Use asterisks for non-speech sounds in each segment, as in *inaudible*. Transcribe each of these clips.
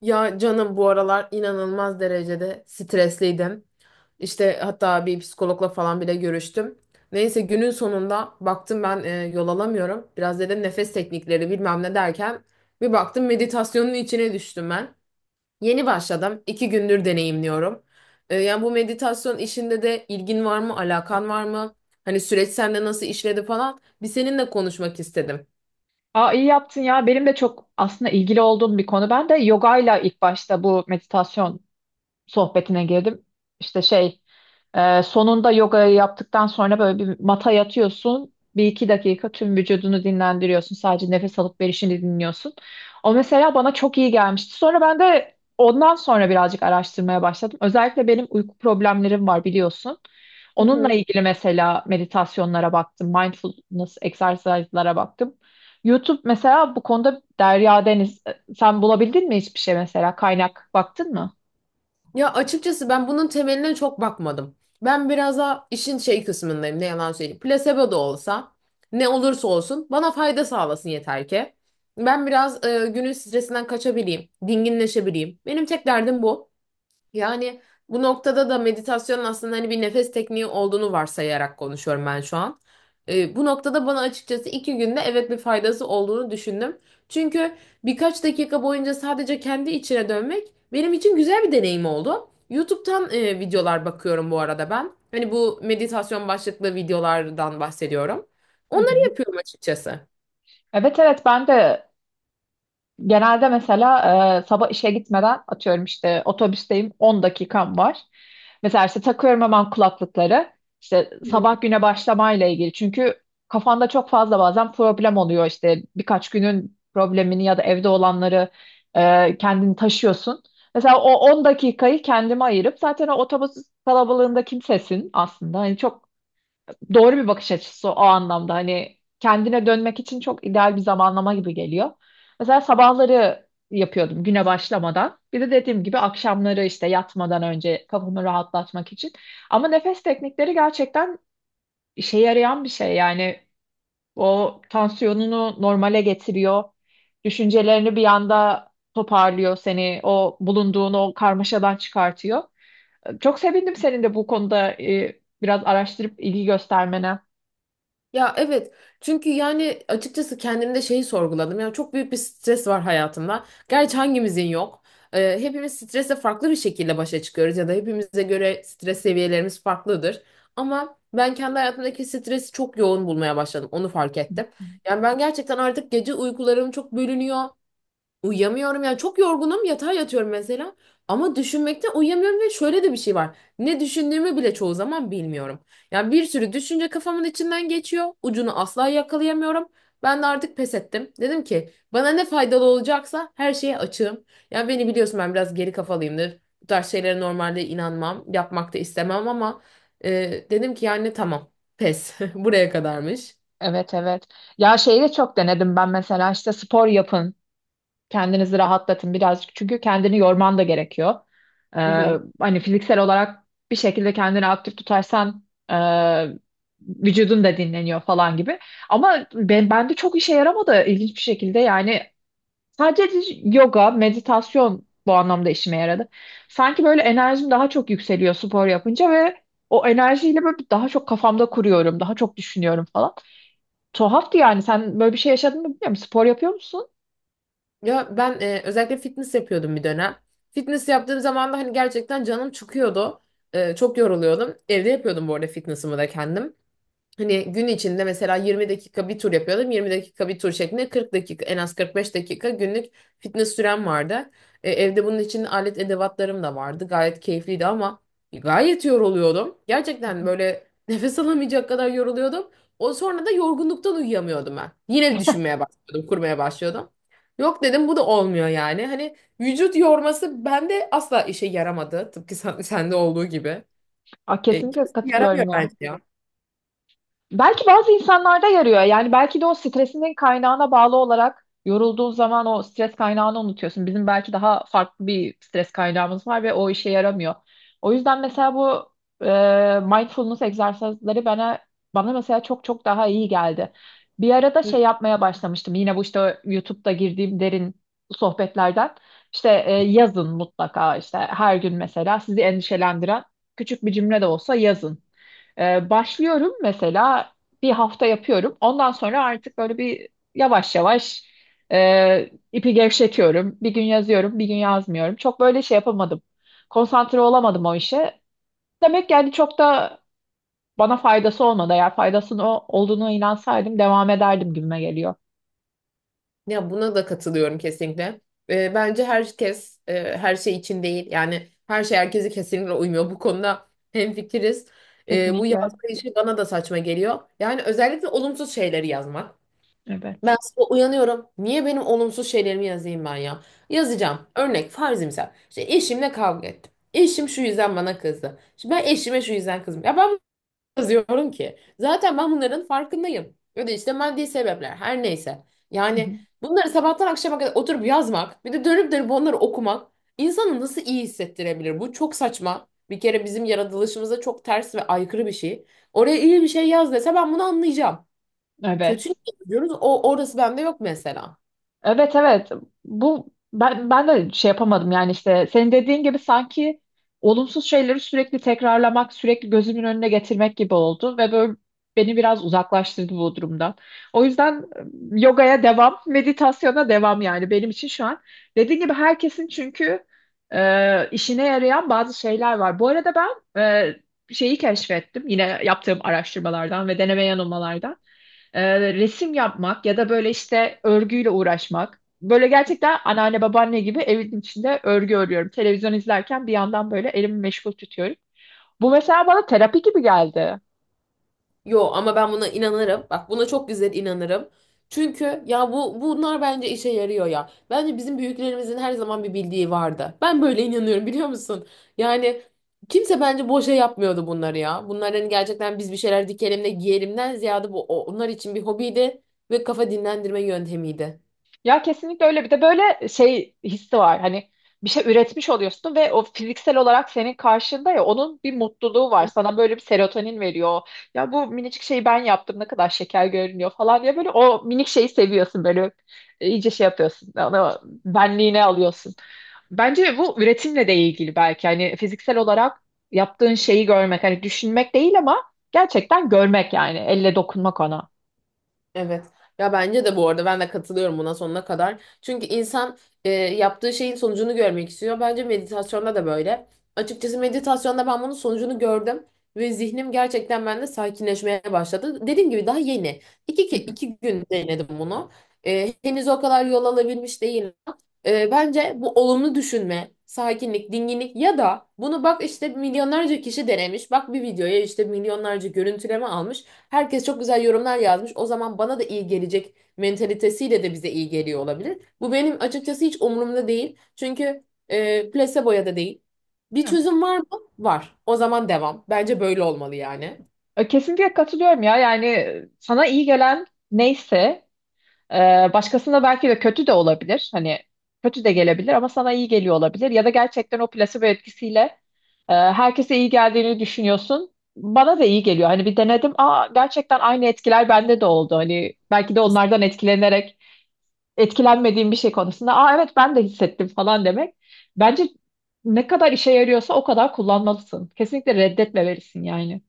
Ya canım bu aralar inanılmaz derecede stresliydim. İşte hatta bir psikologla falan bile görüştüm. Neyse günün sonunda baktım ben yol alamıyorum. Biraz dedim nefes teknikleri bilmem ne derken bir baktım meditasyonun içine düştüm ben. Yeni başladım. İki gündür deneyimliyorum. Yani bu meditasyon işinde de ilgin var mı, alakan var mı? Hani süreç sende nasıl işledi falan. Bir seninle konuşmak istedim. Aa, iyi yaptın ya. Benim de çok aslında ilgili olduğum bir konu. Ben de yogayla ilk başta bu meditasyon sohbetine girdim. İşte sonunda yogayı yaptıktan sonra böyle bir mata yatıyorsun. Bir iki dakika tüm vücudunu dinlendiriyorsun. Sadece nefes alıp verişini dinliyorsun. O mesela bana çok iyi gelmişti. Sonra ben de ondan sonra birazcık araştırmaya başladım. Özellikle benim uyku problemlerim var biliyorsun. Hı Onunla hı. ilgili mesela meditasyonlara baktım. Mindfulness egzersizlere baktım. YouTube mesela bu konuda derya deniz. Sen bulabildin mi hiçbir şey mesela? Kaynak baktın mı? Ya açıkçası ben bunun temeline çok bakmadım. Ben biraz daha işin şey kısmındayım ne yalan söyleyeyim. Plasebo da olsa ne olursa olsun bana fayda sağlasın yeter ki. Ben biraz günün stresinden kaçabileyim, dinginleşebileyim. Benim tek derdim bu. Yani bu noktada da meditasyonun aslında hani bir nefes tekniği olduğunu varsayarak konuşuyorum ben şu an. Bu noktada bana açıkçası iki günde evet bir faydası olduğunu düşündüm. Çünkü birkaç dakika boyunca sadece kendi içine dönmek benim için güzel bir deneyim oldu. YouTube'dan videolar bakıyorum bu arada ben. Hani bu meditasyon başlıklı videolardan bahsediyorum. Hı hı. Onları yapıyorum açıkçası. Evet, ben de genelde mesela sabah işe gitmeden, atıyorum işte otobüsteyim, 10 dakikam var. Mesela işte takıyorum hemen kulaklıkları. İşte sabah güne başlamayla ilgili. Çünkü kafanda çok fazla bazen problem oluyor. İşte birkaç günün problemini ya da evde olanları kendini taşıyorsun. Mesela o 10 dakikayı kendime ayırıp zaten o otobüs kalabalığında kimsesin aslında. Hani çok doğru bir bakış açısı o anlamda. Hani kendine dönmek için çok ideal bir zamanlama gibi geliyor. Mesela sabahları yapıyordum güne başlamadan. Bir de dediğim gibi akşamları işte yatmadan önce kafamı rahatlatmak için. Ama nefes teknikleri gerçekten işe yarayan bir şey. Yani o tansiyonunu normale getiriyor. Düşüncelerini bir anda toparlıyor seni. O bulunduğun o karmaşadan çıkartıyor. Çok sevindim senin de bu konuda biraz araştırıp ilgi göstermene. Ya evet, çünkü yani açıkçası kendimde şeyi sorguladım. Yani çok büyük bir stres var hayatımda. Gerçi hangimizin yok. Hepimiz stresle farklı bir şekilde başa çıkıyoruz ya da hepimize göre stres seviyelerimiz farklıdır. Ama ben kendi hayatımdaki stresi çok yoğun bulmaya başladım. Onu fark ettim. Yani ben gerçekten artık gece uykularım çok bölünüyor. Uyuyamıyorum, yani çok yorgunum, yatağa yatıyorum mesela ama düşünmekten uyuyamıyorum ve şöyle de bir şey var. Ne düşündüğümü bile çoğu zaman bilmiyorum. Yani bir sürü düşünce kafamın içinden geçiyor. Ucunu asla yakalayamıyorum. Ben de artık pes ettim. Dedim ki bana ne faydalı olacaksa her şeye açığım. Yani beni biliyorsun, ben biraz geri kafalıyımdır. Bu tarz şeylere normalde inanmam, yapmak da istemem ama dedim ki yani tamam, pes *laughs* buraya kadarmış. Evet evet. Ya şeyi de çok denedim ben, mesela işte spor yapın. Kendinizi rahatlatın birazcık. Çünkü kendini yorman da gerekiyor. Ee, *laughs* hani fiziksel olarak bir şekilde kendini aktif tutarsan e, vücudun da dinleniyor falan gibi. Ama bende çok işe yaramadı ilginç bir şekilde. Yani sadece yoga, meditasyon bu anlamda işime yaradı. Sanki böyle enerjim daha çok yükseliyor spor yapınca ve o enerjiyle böyle daha çok kafamda kuruyorum, daha çok düşünüyorum falan. Tuhaftı yani. Sen böyle bir şey yaşadın mı bilmiyorum. Spor yapıyor musun? Ya ben özellikle fitness yapıyordum bir dönem. Fitness yaptığım zaman da hani gerçekten canım çıkıyordu. Çok yoruluyordum. Evde yapıyordum bu arada fitness'ımı da kendim. Hani gün içinde mesela 20 dakika bir tur yapıyordum. 20 dakika bir tur şeklinde 40 dakika, en az 45 dakika günlük fitness sürem vardı. Evde bunun için alet edevatlarım da vardı. Gayet keyifliydi ama gayet yoruluyordum. Gerçekten böyle *laughs* nefes alamayacak kadar yoruluyordum. O sonra da yorgunluktan uyuyamıyordum ben. Yine düşünmeye başlıyordum, kurmaya başlıyordum. Yok dedim, bu da olmuyor yani. Hani vücut yorması bende asla işe yaramadı. Tıpkı sende olduğu gibi. Aa, E, kesinlikle kimse yaramıyor katılıyorum ya. bence ya. Belki bazı insanlarda yarıyor. Yani belki de o stresinin kaynağına bağlı olarak yorulduğun zaman o stres kaynağını unutuyorsun. Bizim belki daha farklı bir stres kaynağımız var ve o işe yaramıyor. O yüzden mesela bu mindfulness egzersizleri bana mesela çok çok daha iyi geldi. Bir arada Hı. şey yapmaya başlamıştım. Yine bu işte YouTube'da girdiğim derin sohbetlerden. İşte yazın, mutlaka işte her gün mesela sizi endişelendiren küçük bir cümle de olsa yazın. Başlıyorum mesela, bir hafta yapıyorum. Ondan sonra artık böyle bir yavaş yavaş ipi gevşetiyorum. Bir gün yazıyorum, bir gün yazmıyorum. Çok böyle şey yapamadım. Konsantre olamadım o işe. Demek yani çok da bana faydası olmadı. Eğer faydasının olduğunu inansaydım devam ederdim gibime geliyor. Ya buna da katılıyorum kesinlikle. Bence herkes her şey için değil. Yani her şey herkese kesinlikle uymuyor. Bu konuda hemfikiriz. Bu Kesinlikle. yazma işi bana da saçma geliyor. Yani özellikle olumsuz şeyleri yazmak. Evet. Ben sabah uyanıyorum. Niye benim olumsuz şeylerimi yazayım ben ya? Yazacağım. Örnek farzimsel. İşte eşimle kavga ettim. Eşim şu yüzden bana kızdı. İşte ben eşime şu yüzden kızdım. Ya ben yazıyorum ki? Zaten ben bunların farkındayım. Ya da işte maddi sebepler, her neyse. Hı Yani hı. bunları sabahtan akşama kadar oturup yazmak, bir de dönüp dönüp onları okumak insanı nasıl iyi hissettirebilir? Bu çok saçma. Bir kere bizim yaratılışımıza çok ters ve aykırı bir şey. Oraya iyi bir şey yaz dese ben bunu anlayacağım. Kötü Evet. niye yazıyoruz? O, orası bende yok mesela. Evet, evet, bu ben, de şey yapamadım yani, işte senin dediğin gibi sanki olumsuz şeyleri sürekli tekrarlamak, sürekli gözümün önüne getirmek gibi oldu ve böyle beni biraz uzaklaştırdı bu durumdan. O yüzden yogaya devam, *laughs* meditasyona devam yani benim için şu an. Dediğin gibi herkesin çünkü işine yarayan bazı şeyler var. Bu arada ben şeyi keşfettim yine yaptığım araştırmalardan ve deneme yanılmalardan: resim yapmak ya da böyle işte örgüyle uğraşmak. Böyle gerçekten anneanne babaanne gibi evin içinde örgü örüyorum. Televizyon izlerken bir yandan böyle elimi meşgul tutuyorum. Bu mesela bana terapi gibi geldi. Yo ama ben buna inanırım. Bak, buna çok güzel inanırım. Çünkü ya bu bunlar bence işe yarıyor ya. Bence bizim büyüklerimizin her zaman bir bildiği vardı. Ben böyle inanıyorum, biliyor musun? Yani kimse bence boşa yapmıyordu bunları ya. Bunlar hani gerçekten biz bir şeyler dikelim de giyelimden ziyade bu onlar için bir hobiydi ve kafa dinlendirme yöntemiydi. Ya kesinlikle öyle. Bir de böyle şey hissi var. Hani bir şey üretmiş oluyorsun ve o fiziksel olarak senin karşında, ya onun bir mutluluğu var. Sana böyle bir serotonin veriyor. Ya bu minicik şeyi ben yaptım, ne kadar şeker görünüyor falan diye böyle o minik şeyi seviyorsun böyle. E, iyice şey yapıyorsun. Onu benliğine alıyorsun. Bence bu üretimle de ilgili belki. Hani fiziksel olarak yaptığın şeyi görmek. Hani düşünmek değil ama gerçekten görmek yani. Elle dokunmak ona. Evet. Ya bence de, bu arada ben de katılıyorum buna sonuna kadar. Çünkü insan yaptığı şeyin sonucunu görmek istiyor. Bence meditasyonda da böyle. Açıkçası meditasyonda ben bunun sonucunu gördüm ve zihnim gerçekten bende sakinleşmeye başladı. Dediğim gibi daha yeni. Hı hı. İki gün denedim bunu. E, henüz o kadar yol alabilmiş değil. Bence bu olumlu düşünme, sakinlik, dinginlik ya da bunu bak işte milyonlarca kişi denemiş. Bak, bir videoya işte milyonlarca görüntüleme almış. Herkes çok güzel yorumlar yazmış. O zaman bana da iyi gelecek mentalitesiyle de bize iyi geliyor olabilir. Bu benim açıkçası hiç umurumda değil. Çünkü placebo'ya da değil. Bir Evet. çözüm var mı? Var. O zaman devam. Bence böyle olmalı yani. E, kesinlikle katılıyorum ya. Yani sana iyi gelen neyse başkasına belki de kötü de olabilir. Hani kötü de gelebilir ama sana iyi geliyor olabilir. Ya da gerçekten o plasebo etkisiyle herkese iyi geldiğini düşünüyorsun. Bana da iyi geliyor. Hani bir denedim. Aa, gerçekten aynı etkiler bende de oldu. Hani belki de onlardan etkilenerek etkilenmediğim bir şey konusunda, aa evet ben de hissettim falan demek. Bence ne kadar işe yarıyorsa o kadar kullanmalısın. Kesinlikle reddetmemelisin yani.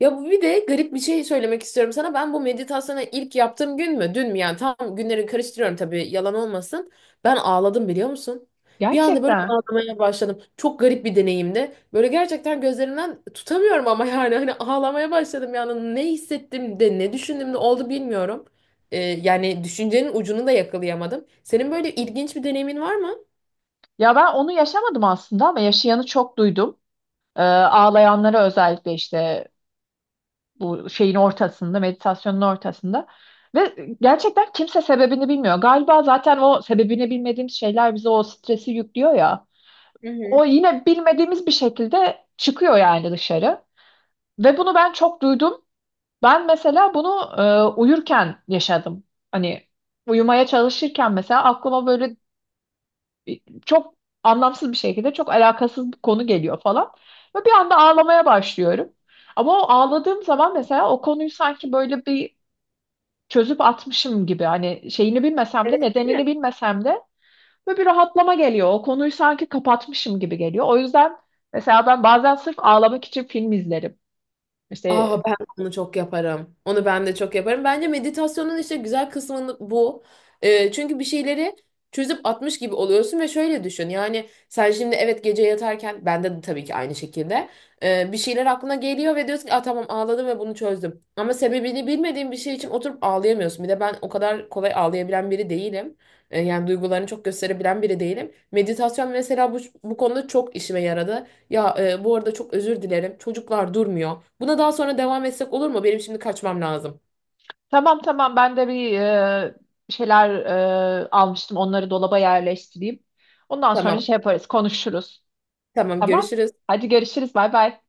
Ya bu, bir de garip bir şey söylemek istiyorum sana. Ben bu meditasyonu ilk yaptığım gün mü, dün mü, yani tam günleri karıştırıyorum tabii, yalan olmasın. Ben ağladım, biliyor musun? Bir anda böyle Gerçekten. ağlamaya başladım. Çok garip bir deneyimdi. Böyle gerçekten gözlerimden tutamıyorum ama yani hani ağlamaya başladım, yani ne hissettim de ne düşündüm de oldu bilmiyorum. Yani düşüncenin ucunu da yakalayamadım. Senin böyle ilginç bir deneyimin var mı? Ya ben onu yaşamadım aslında ama yaşayanı çok duydum. Ağlayanlara, özellikle işte bu şeyin ortasında, meditasyonun ortasında. Ve gerçekten kimse sebebini bilmiyor. Galiba zaten o sebebini bilmediğimiz şeyler bize o stresi yüklüyor ya. Hı O hı. yine bilmediğimiz bir şekilde çıkıyor yani dışarı. Ve bunu ben çok duydum. Ben mesela bunu uyurken yaşadım. Hani uyumaya çalışırken mesela aklıma böyle çok anlamsız bir şekilde, çok alakasız bir konu geliyor falan. Ve bir anda ağlamaya başlıyorum. Ama o ağladığım zaman mesela o konuyu sanki böyle bir çözüp atmışım gibi, hani şeyini bilmesem de, Evet, değil mi? nedenini bilmesem de ve bir rahatlama geliyor. O konuyu sanki kapatmışım gibi geliyor. O yüzden mesela ben bazen sırf ağlamak için film izlerim. İşte Aa, ben onu çok yaparım. Onu ben de çok yaparım. Bence meditasyonun işte güzel kısmı bu. Çünkü bir şeyleri çözüp atmış gibi oluyorsun ve şöyle düşün. Yani sen şimdi evet gece yatarken bende de tabii ki aynı şekilde bir şeyler aklına geliyor ve diyorsun ki, aa, tamam, ağladım ve bunu çözdüm. Ama sebebini bilmediğin bir şey için oturup ağlayamıyorsun. Bir de ben o kadar kolay ağlayabilen biri değilim. Yani duygularını çok gösterebilen biri değilim. Meditasyon mesela bu konuda çok işime yaradı. Ya bu arada çok özür dilerim. Çocuklar durmuyor. Buna daha sonra devam etsek olur mu? Benim şimdi kaçmam lazım. tamam tamam, ben de bir şeyler almıştım, onları dolaba yerleştireyim. Ondan sonra Tamam. şey yaparız, konuşuruz. Tamam, Tamam. görüşürüz. Hadi görüşürüz. Bay bay.